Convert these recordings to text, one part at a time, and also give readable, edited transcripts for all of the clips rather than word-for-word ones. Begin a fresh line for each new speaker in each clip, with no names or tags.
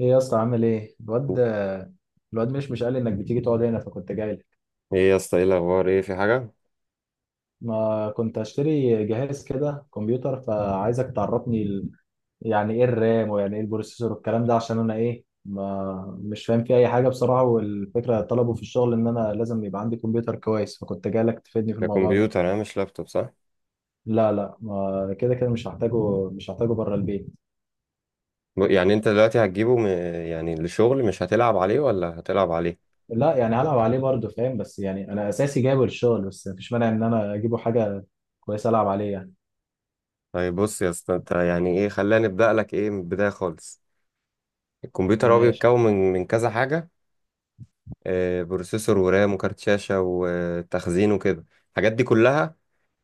ايه يا اسطى عامل ايه الواد؟ الواد مش قال لي انك بتيجي تقعد هنا فكنت جاي لك.
ايه يا اسطى، ايه الاخبار؟ ايه، في حاجه؟
ما كنت اشتري جهاز كده كمبيوتر، فعايزك تعرفني ال... يعني ايه الرام، ويعني ايه البروسيسور والكلام ده، عشان انا ايه، ما مش فاهم فيه اي حاجه بصراحه. والفكره طلبوا في الشغل ان انا لازم يبقى عندي كمبيوتر كويس، فكنت جاي لك تفيدني في
ده
الموضوع ده.
كمبيوتر انا مش لابتوب، صح؟
لا لا، ما كده كده مش هحتاجه بره البيت.
يعني انت دلوقتي هتجيبه يعني للشغل، مش هتلعب عليه ولا هتلعب عليه؟
لا يعني هلعب عليه برضه فاهم، بس يعني انا اساسي جايبه للشغل، بس مفيش مانع ان انا اجيبه حاجه كويسه العب عليه يعني.
طيب بص يا اسطى، انت يعني ايه، خلينا نبدا لك ايه من البدايه خالص. الكمبيوتر هو
ماشي.
بيتكون من كذا حاجه. آه، بروسيسور ورام وكارت شاشه وتخزين وكده، الحاجات دي كلها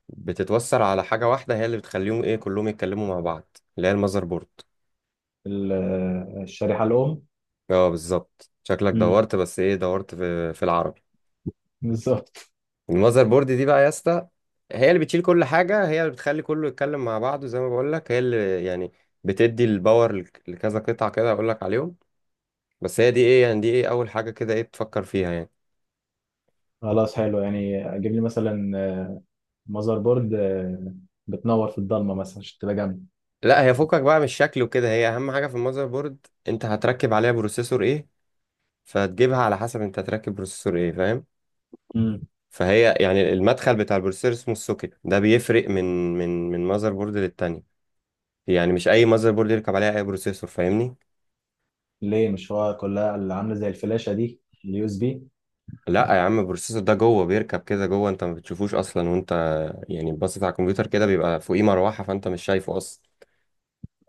بتتوصل على حاجه واحده هي اللي بتخليهم ايه كلهم يتكلموا مع بعض، اللي هي المذر بورد.
ال- الشريحة الأم.
اه بالظبط، شكلك
مم.
دورت، بس ايه، دورت في العرب.
بالظبط.
المذر بورد دي بقى يا اسطى، هي اللي بتشيل كل حاجة، هي اللي بتخلي كله يتكلم مع بعضه، زي ما بقول لك، هي اللي يعني بتدي الباور لكذا قطعة كده هقول لك عليهم. بس هي دي ايه يعني، دي ايه اول حاجة كده ايه بتفكر فيها يعني.
خلاص حلو، يعني أجيب لي مثلا ماذر بورد، بتنور في الضلمة مثلا عشان تبقى جنبي.
لا، هي فكك بقى من الشكل وكده، هي اهم حاجة في المذر بورد، انت هتركب عليها بروسيسور ايه، فتجيبها على حسب انت هتركب بروسيسور ايه، فاهم؟
مم.
فهي يعني المدخل بتاع البروسيسور اسمه السوكت، ده بيفرق من مذر بورد للتانية، يعني مش اي مذر بورد يركب عليها اي بروسيسور، فاهمني؟
ليه؟ مش هو كلها اللي عاملة زي الفلاشة دي، اليو اس بي.
لا يا عم، البروسيسور ده جوه، بيركب كده جوه، انت ما بتشوفوش اصلا، وانت يعني باصص على الكمبيوتر كده بيبقى فوقيه مروحه، فانت مش شايفه اصلا.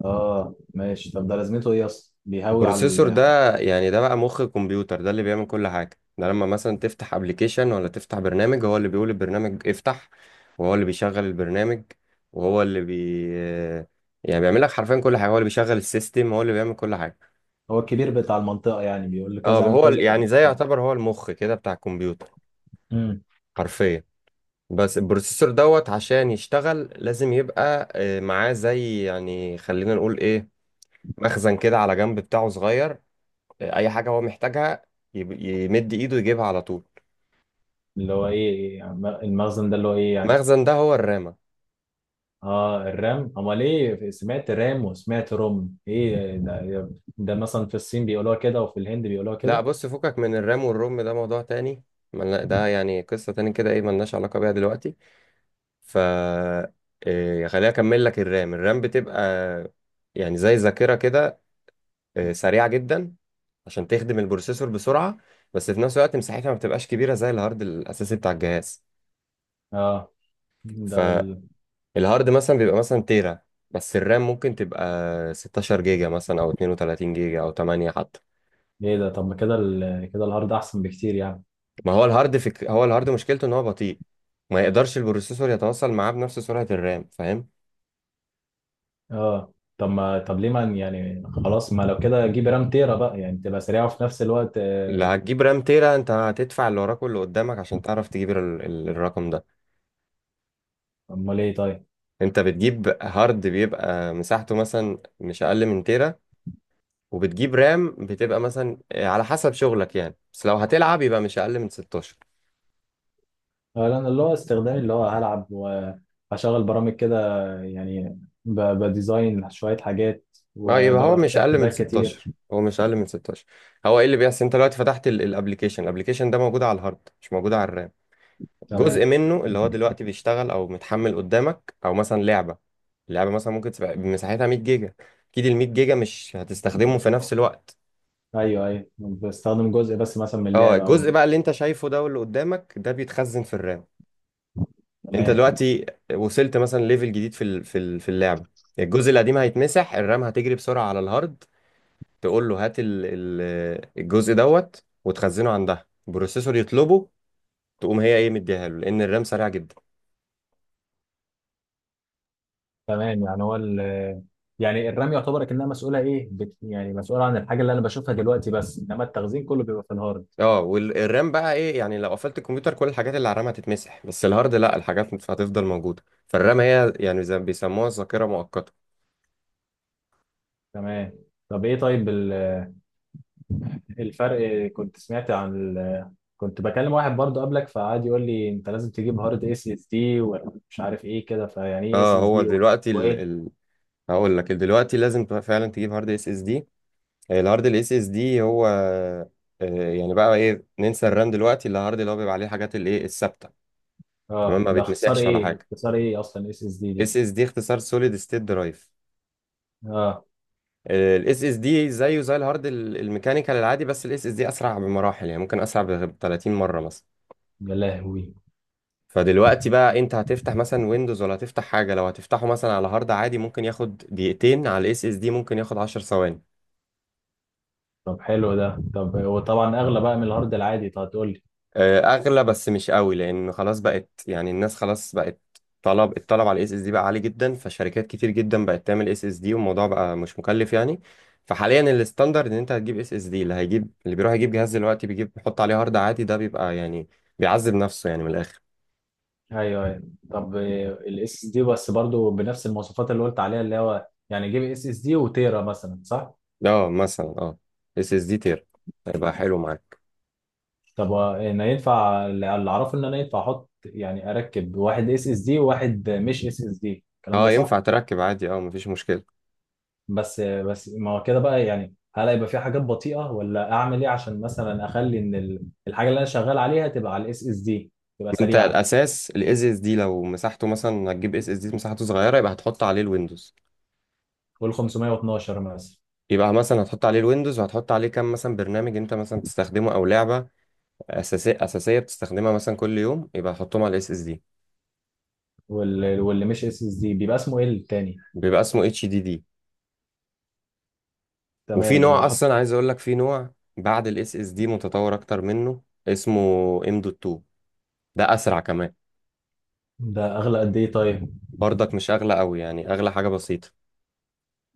اه ماشي، طب ده لازمته ايه اصلا؟ بيهوي على
البروسيسور
ال...
ده يعني، ده بقى مخ الكمبيوتر، ده اللي بيعمل كل حاجه، ده لما مثلا تفتح ابلكيشن ولا تفتح برنامج، هو اللي بيقول البرنامج افتح، وهو اللي بيشغل البرنامج، وهو اللي بي يعني بيعمل لك حرفيا كل حاجه، هو اللي بيشغل السيستم، هو اللي بيعمل كل حاجه.
هو الكبير بتاع المنطقة يعني، بيقول له
اه،
كذا اعمل
هو
كذا.
يعني زي،
لا.
يعتبر هو المخ كده بتاع الكمبيوتر،
مم.
حرفيا. بس البروسيسور دوت، عشان يشتغل لازم يبقى معاه زي يعني، خلينا نقول ايه، مخزن كده على جنب بتاعه صغير، اي حاجة هو محتاجها يمد ايده يجيبها على طول.
اللي هو ايه يعني؟ المخزن ده اللي هو ايه يعني؟
المخزن ده هو الرامة.
اه الرام، امال ايه؟ سمعت رام وسمعت روم، ايه ده؟ ده مثلا في الصين بيقولوها كده وفي الهند بيقولوها
لا
كده.
بص، فكك من الرام والروم، ده موضوع تاني، ده يعني قصة تاني كده، ايه، ملناش علاقة بيها دلوقتي. ف خليني اكمل لك. الرام بتبقى يعني زي ذاكرة كده، سريعة جدا عشان تخدم البروسيسور بسرعة، بس في نفس الوقت مساحتها ما بتبقاش كبيرة زي الهارد الأساسي بتاع الجهاز.
اه، ده ال...
فالهارد مثلا بيبقى مثلا تيرا، بس الرام ممكن تبقى 16 جيجا مثلا، أو 32 جيجا، أو 8 حتى.
ايه ده؟ طب ما كده ال... كده الهارد احسن بكتير يعني.
ما هو الهارد هو الهارد مشكلته إن هو بطيء، ما يقدرش البروسيسور يتواصل معاه بنفس سرعة الرام، فاهم؟
اه طب ما طب ليه ما، يعني خلاص، ما لو كده جيب رام تيرا بقى، يعني تبقى سريعه وفي نفس الوقت
اللي هتجيب رام تيرا انت هتدفع اللي وراك واللي قدامك عشان تعرف تجيب الرقم ده.
امال ايه طيب؟
انت بتجيب هارد بيبقى مساحته مثلا مش اقل من تيرا، وبتجيب رام بتبقى مثلا على حسب شغلك يعني، بس لو هتلعب يبقى مش اقل من 16.
آه، لان اللي هو استخدامي اللي هو هلعب وهشغل برامج كده، يعني ب... بديزاين شويه حاجات،
اه، يبقى هو
وببقى
مش
فاتح
اقل من
تابات كتير.
16، هو مش اقل من 16. هو ايه اللي بيحصل، انت دلوقتي فتحت الابلكيشن، الابلكيشن ده موجود على الهارد مش موجود على الرام،
تمام.
جزء منه اللي هو دلوقتي بيشتغل او متحمل قدامك، او مثلا لعبه، اللعبه مثلا ممكن تبقى مساحتها 100 جيجا، اكيد ال 100 جيجا مش هتستخدمه في نفس الوقت.
ايوه ايوه، بستخدم جزء بس مثلا من
اه،
اللعبه او.
الجزء بقى اللي انت شايفه ده واللي قدامك ده بيتخزن في الرام. انت
تمام.
دلوقتي وصلت مثلا ليفل جديد في اللعبه، الجزء القديم هيتمسح، الرام هتجري بسرعه على الهارد تقول له هات الجزء دوت، وتخزنه عندها البروسيسور يطلبه، تقوم هي ايه، مديها له، لان الرام سريع جدا.
تمام، يعني هو ال، يعني الرمي يعتبر كأنها مسؤولة إيه؟ بت، يعني مسؤولة عن الحاجة اللي أنا بشوفها دلوقتي بس، إنما التخزين كله بيبقى في الهارد.
اه، والرام بقى ايه يعني لو قفلت الكمبيوتر كل الحاجات اللي على الرام هتتمسح، بس الهارد لا، الحاجات هتفضل موجوده. فالرام هي يعني زي ما بيسموها الذاكره مؤقته.
تمام. طب إيه طيب؟ الفرق، كنت سمعت عن ال... كنت بكلم واحد برضه قبلك فقعد يقول لي أنت لازم تجيب هارد اس اس دي ومش عارف إيه كده، فيعني إيه اس
اه،
اس
هو
دي
دلوقتي
وإيه؟
هقول لك دلوقتي لازم فعلا تجيب هارد اس اس دي. الهارد الاس اس دي هو يعني بقى ايه، ننسى الرام دلوقتي، اللي الهارد اللي هو بيبقى عليه الحاجات الايه الثابته، تمام،
آه،
ما
ده اختصار
بيتمسحش ولا
إيه؟
حاجه.
اختصار إيه أصلا اس اس دي دي؟
اس اس دي اختصار سوليد ستيت درايف.
آه.
الاس اس دي زيه زي الهارد الميكانيكال العادي، بس الاس اس دي اسرع بمراحل، يعني ممكن اسرع ب 30 مره مثلا.
يا لهوي.
فدلوقتي بقى، انت هتفتح مثلا ويندوز ولا هتفتح حاجه، لو هتفتحه مثلا على هارد عادي ممكن ياخد دقيقتين، على الاس اس دي ممكن ياخد 10 ثواني.
طب حلو ده، طب وطبعا أغلى بقى من الهارد العادي، طب هتقول.
اغلى بس مش قوي، لان خلاص بقت يعني، الناس خلاص بقت، الطلب على الاس اس دي بقى عالي جدا، فشركات كتير جدا بقت تعمل اس اس دي، والموضوع بقى مش مكلف يعني. فحاليا الستاندرد ان انت هتجيب اس اس دي، اللي هيجيب اللي بيروح يجيب جهاز دلوقتي بيجيب بيحط عليه هارد عادي ده بيبقى يعني بيعذب نفسه يعني من الاخر.
ايوه ايوه، طب الاس اس دي بس برضو بنفس المواصفات اللي قلت عليها، اللي هو يعني جيب اس اس دي وتيرا مثلا صح؟
اه مثلا، اه، اس اس دي تير هيبقى حلو معاك.
طب هو انا ينفع، اللي اعرفه ان انا ينفع احط يعني اركب واحد اس اس دي وواحد مش اس اس دي، الكلام ده
اه
صح؟
ينفع تركب عادي، اه، مفيش مشكله.
بس ما هو كده بقى يعني، هل هيبقى في حاجات بطيئة؟ ولا اعمل ايه عشان مثلا اخلي ان الحاجة اللي انا شغال عليها تبقى على الاس اس دي، تبقى
ما انت
سريعة.
الاساس الاس اس دي، لو مساحته مثلا هتجيب اس اس دي مساحته صغيره يبقى هتحط عليه الويندوز،
وال 512 مثلا.
يبقى مثلا هتحط عليه الويندوز وهتحط عليه كام مثلا برنامج انت مثلا بتستخدمه او لعبه اساسيه اساسيه بتستخدمها مثلا كل يوم، يبقى هتحطهم على الاس اس دي.
واللي مش اس اس دي بيبقى اسمه ايه التاني؟
بيبقى اسمه اتش دي دي. وفي
تمام، اللي
نوع
احط.
اصلا عايز اقول لك، في نوع بعد الاس اس دي متطور اكتر منه، اسمه ام دوت 2، ده اسرع كمان.
ده اغلى قد ايه طيب؟
برضك مش اغلى قوي يعني، اغلى حاجه بسيطه.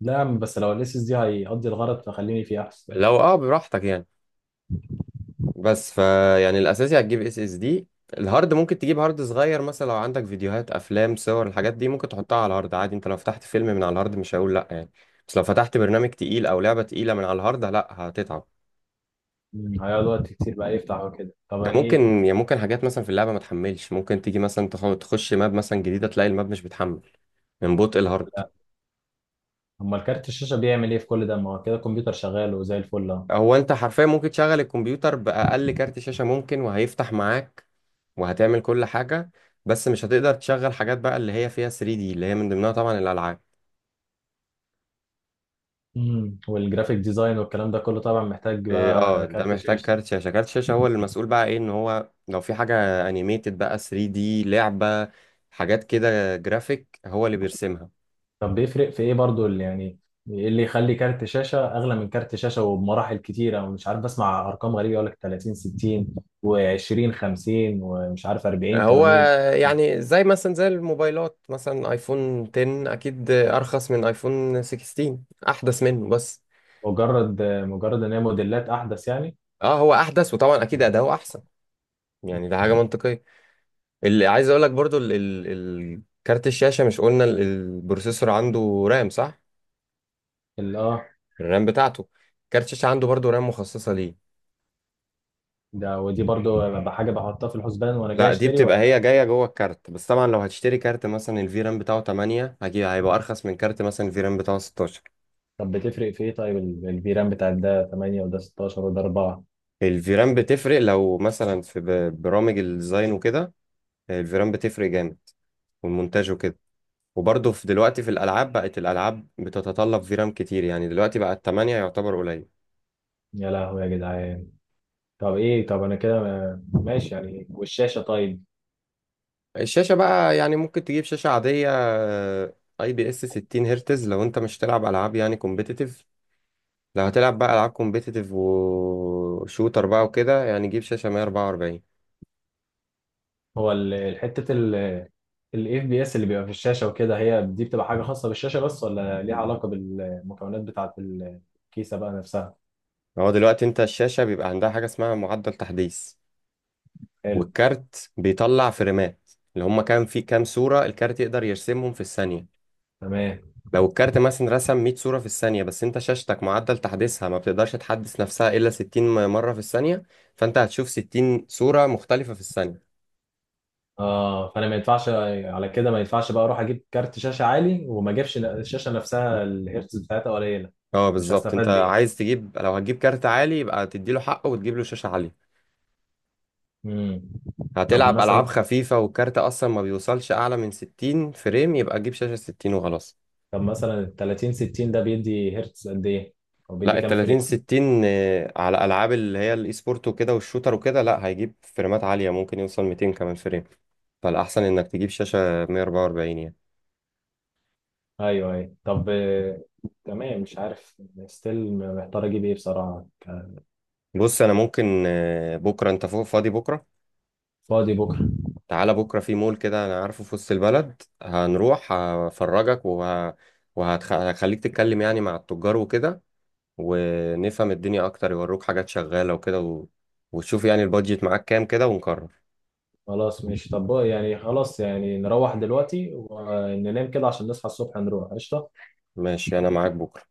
لا يا عم، بس لو الاسس دي هيقضي الغرض فخليني فيه احسن.
لو اه براحتك يعني. بس فا يعني الاساسي هتجيب اس اس دي، الهارد ممكن تجيب هارد صغير مثلا، لو عندك فيديوهات افلام صور الحاجات دي ممكن تحطها على الهارد عادي، انت لو فتحت فيلم من على الهارد مش هقول لا يعني، بس لو فتحت برنامج تقيل او لعبه تقيله من على الهارد لا هتتعب.
هيقعد وقت كتير بقى يفتح وكده؟ طب
ده ممكن
ايه؟
يعني، ممكن حاجات مثلا في اللعبه ما تحملش، ممكن تيجي مثلا تخش ماب مثلا جديده تلاقي الماب مش بتحمل من بطء الهارد.
لا. امال كارت الشاشه بيعمل ايه في كل ده؟ ما هو كده الكمبيوتر شغال وزي الفل اهو.
هو انت حرفيا ممكن تشغل الكمبيوتر باقل كارت شاشه ممكن وهيفتح معاك، وهتعمل كل حاجه، بس مش هتقدر تشغل حاجات بقى اللي هي فيها 3D، اللي هي من ضمنها طبعا الالعاب.
مم. والجرافيك ديزاين والكلام ده كله طبعا محتاج
إيه، اه،
بقى
ده
كارت
محتاج
شاشه.
كارت شاشة، كارت شاشة هو اللي المسؤول بقى ايه ان هو لو في حاجة انيميتد بقى 3D، لعبة، حاجات كده جرافيك، هو اللي بيرسمها.
طب بيفرق في ايه برضو اللي يعني، ايه اللي يخلي كارت شاشه اغلى من كارت شاشه وبمراحل كتيره؟ ومش عارف، بسمع ارقام غريبه، يقول لك 30 60 و20 50 ومش عارف 40
هو
80.
يعني زي مثلا زي الموبايلات مثلا، ايفون 10 اكيد ارخص من ايفون 16، احدث منه بس.
مجرد ان هي موديلات احدث يعني؟
اه هو احدث، وطبعا اكيد اداؤه احسن، يعني ده حاجة منطقية. اللي عايز اقول لك برضو، كارت الشاشة، مش قلنا البروسيسور عنده رام، صح؟
اه،
الرام بتاعته، كارت الشاشة عنده برضو رام مخصصة ليه.
ده ودي برضو بقى حاجة بحطها في الحسبان وانا جاي
لا، دي
اشتري
بتبقى
ولا؟
هي جايه جوه الكارت، بس طبعا لو هتشتري كارت مثلا الفيرام بتاعه 8 هجيب هيبقى ارخص من كارت مثلا الفيرام بتاعه 16.
طب بتفرق في ايه طيب الفيران بتاع، ده 8 وده 16 وده 4؟
الفيرام بتفرق، لو مثلا في برامج الديزاين وكده الفيرام بتفرق جامد، والمونتاج وكده. وبرضه في دلوقتي في الالعاب بقت الالعاب بتتطلب فيرام كتير، يعني دلوقتي بقى 8 يعتبر قليل.
يا لهوي يا جدعان. طب ايه؟ طب انا كده ماشي يعني. والشاشة طيب؟
الشاشه بقى يعني ممكن تجيب شاشه عاديه، اي بي اس 60 هرتز، لو انت مش تلعب العاب يعني كومبيتيتيف. لو هتلعب بقى العاب كومبيتيتيف وشوتر بقى وكده، يعني جيب شاشه 144.
هو حتة ال الاف بي اس اللي بيبقى في الشاشة وكده، هي دي بتبقى حاجة خاصة بالشاشة بس ولا ليها علاقة بالمكونات بتاعة الكيسة بقى نفسها؟
هو دلوقتي انت الشاشه بيبقى عندها حاجه اسمها معدل تحديث،
حلو.
والكارت بيطلع فريمات اللي هم كام في كام صوره الكارت يقدر يرسمهم في الثانيه.
تمام.
لو الكارت مثلا رسم 100 صوره في الثانيه، بس انت شاشتك معدل تحديثها ما بتقدرش تحدث نفسها الا 60 مره في الثانيه، فانت هتشوف 60 صوره مختلفه في الثانيه.
اه، فانا ما ينفعش، على كده ما ينفعش بقى اروح اجيب كارت شاشه عالي وما اجيبش الشاشه نفسها الهيرتز بتاعتها قليله.
اه
مش
بالظبط، انت
هستفاد بايه.
عايز تجيب، لو هتجيب كارت عالي يبقى تديله حقه وتجيب له شاشه عاليه.
امم. طب
هتلعب ألعاب
مثلا،
خفيفة والكارت أصلا ما بيوصلش أعلى من 60 فريم، يبقى تجيب شاشة 60 وخلاص.
طب مثلا ال 30 60 ده بيدي هيرتز قد ايه؟ او
لا،
بيدي
ال
كام
30
فريم؟
60 على ألعاب اللي هي الإي سبورت وكده والشوتر وكده، لا هيجيب فريمات عالية، ممكن يوصل 200 كمان فريم. فالأحسن إنك تجيب شاشة 144 يعني.
ايوه ايوه طب تمام، مش عارف. ستيل محتار اجيب ايه بصراحه، ك-.
بص أنا ممكن بكرة، أنت فوق فاضي بكرة؟
فاضي بكره.
تعالى بكرة، في مول كده أنا عارفه في وسط البلد هنروح هفرجك وهخليك تتكلم يعني مع التجار وكده، ونفهم الدنيا اكتر، يوروك حاجات شغالة وكده وتشوف يعني البادجت معاك كام كده ونقرر.
خلاص ماشي، طب بقى يعني خلاص، يعني نروح دلوقتي وننام كده عشان نصحى الصبح نروح قشطه.
ماشي انا معاك بكرة.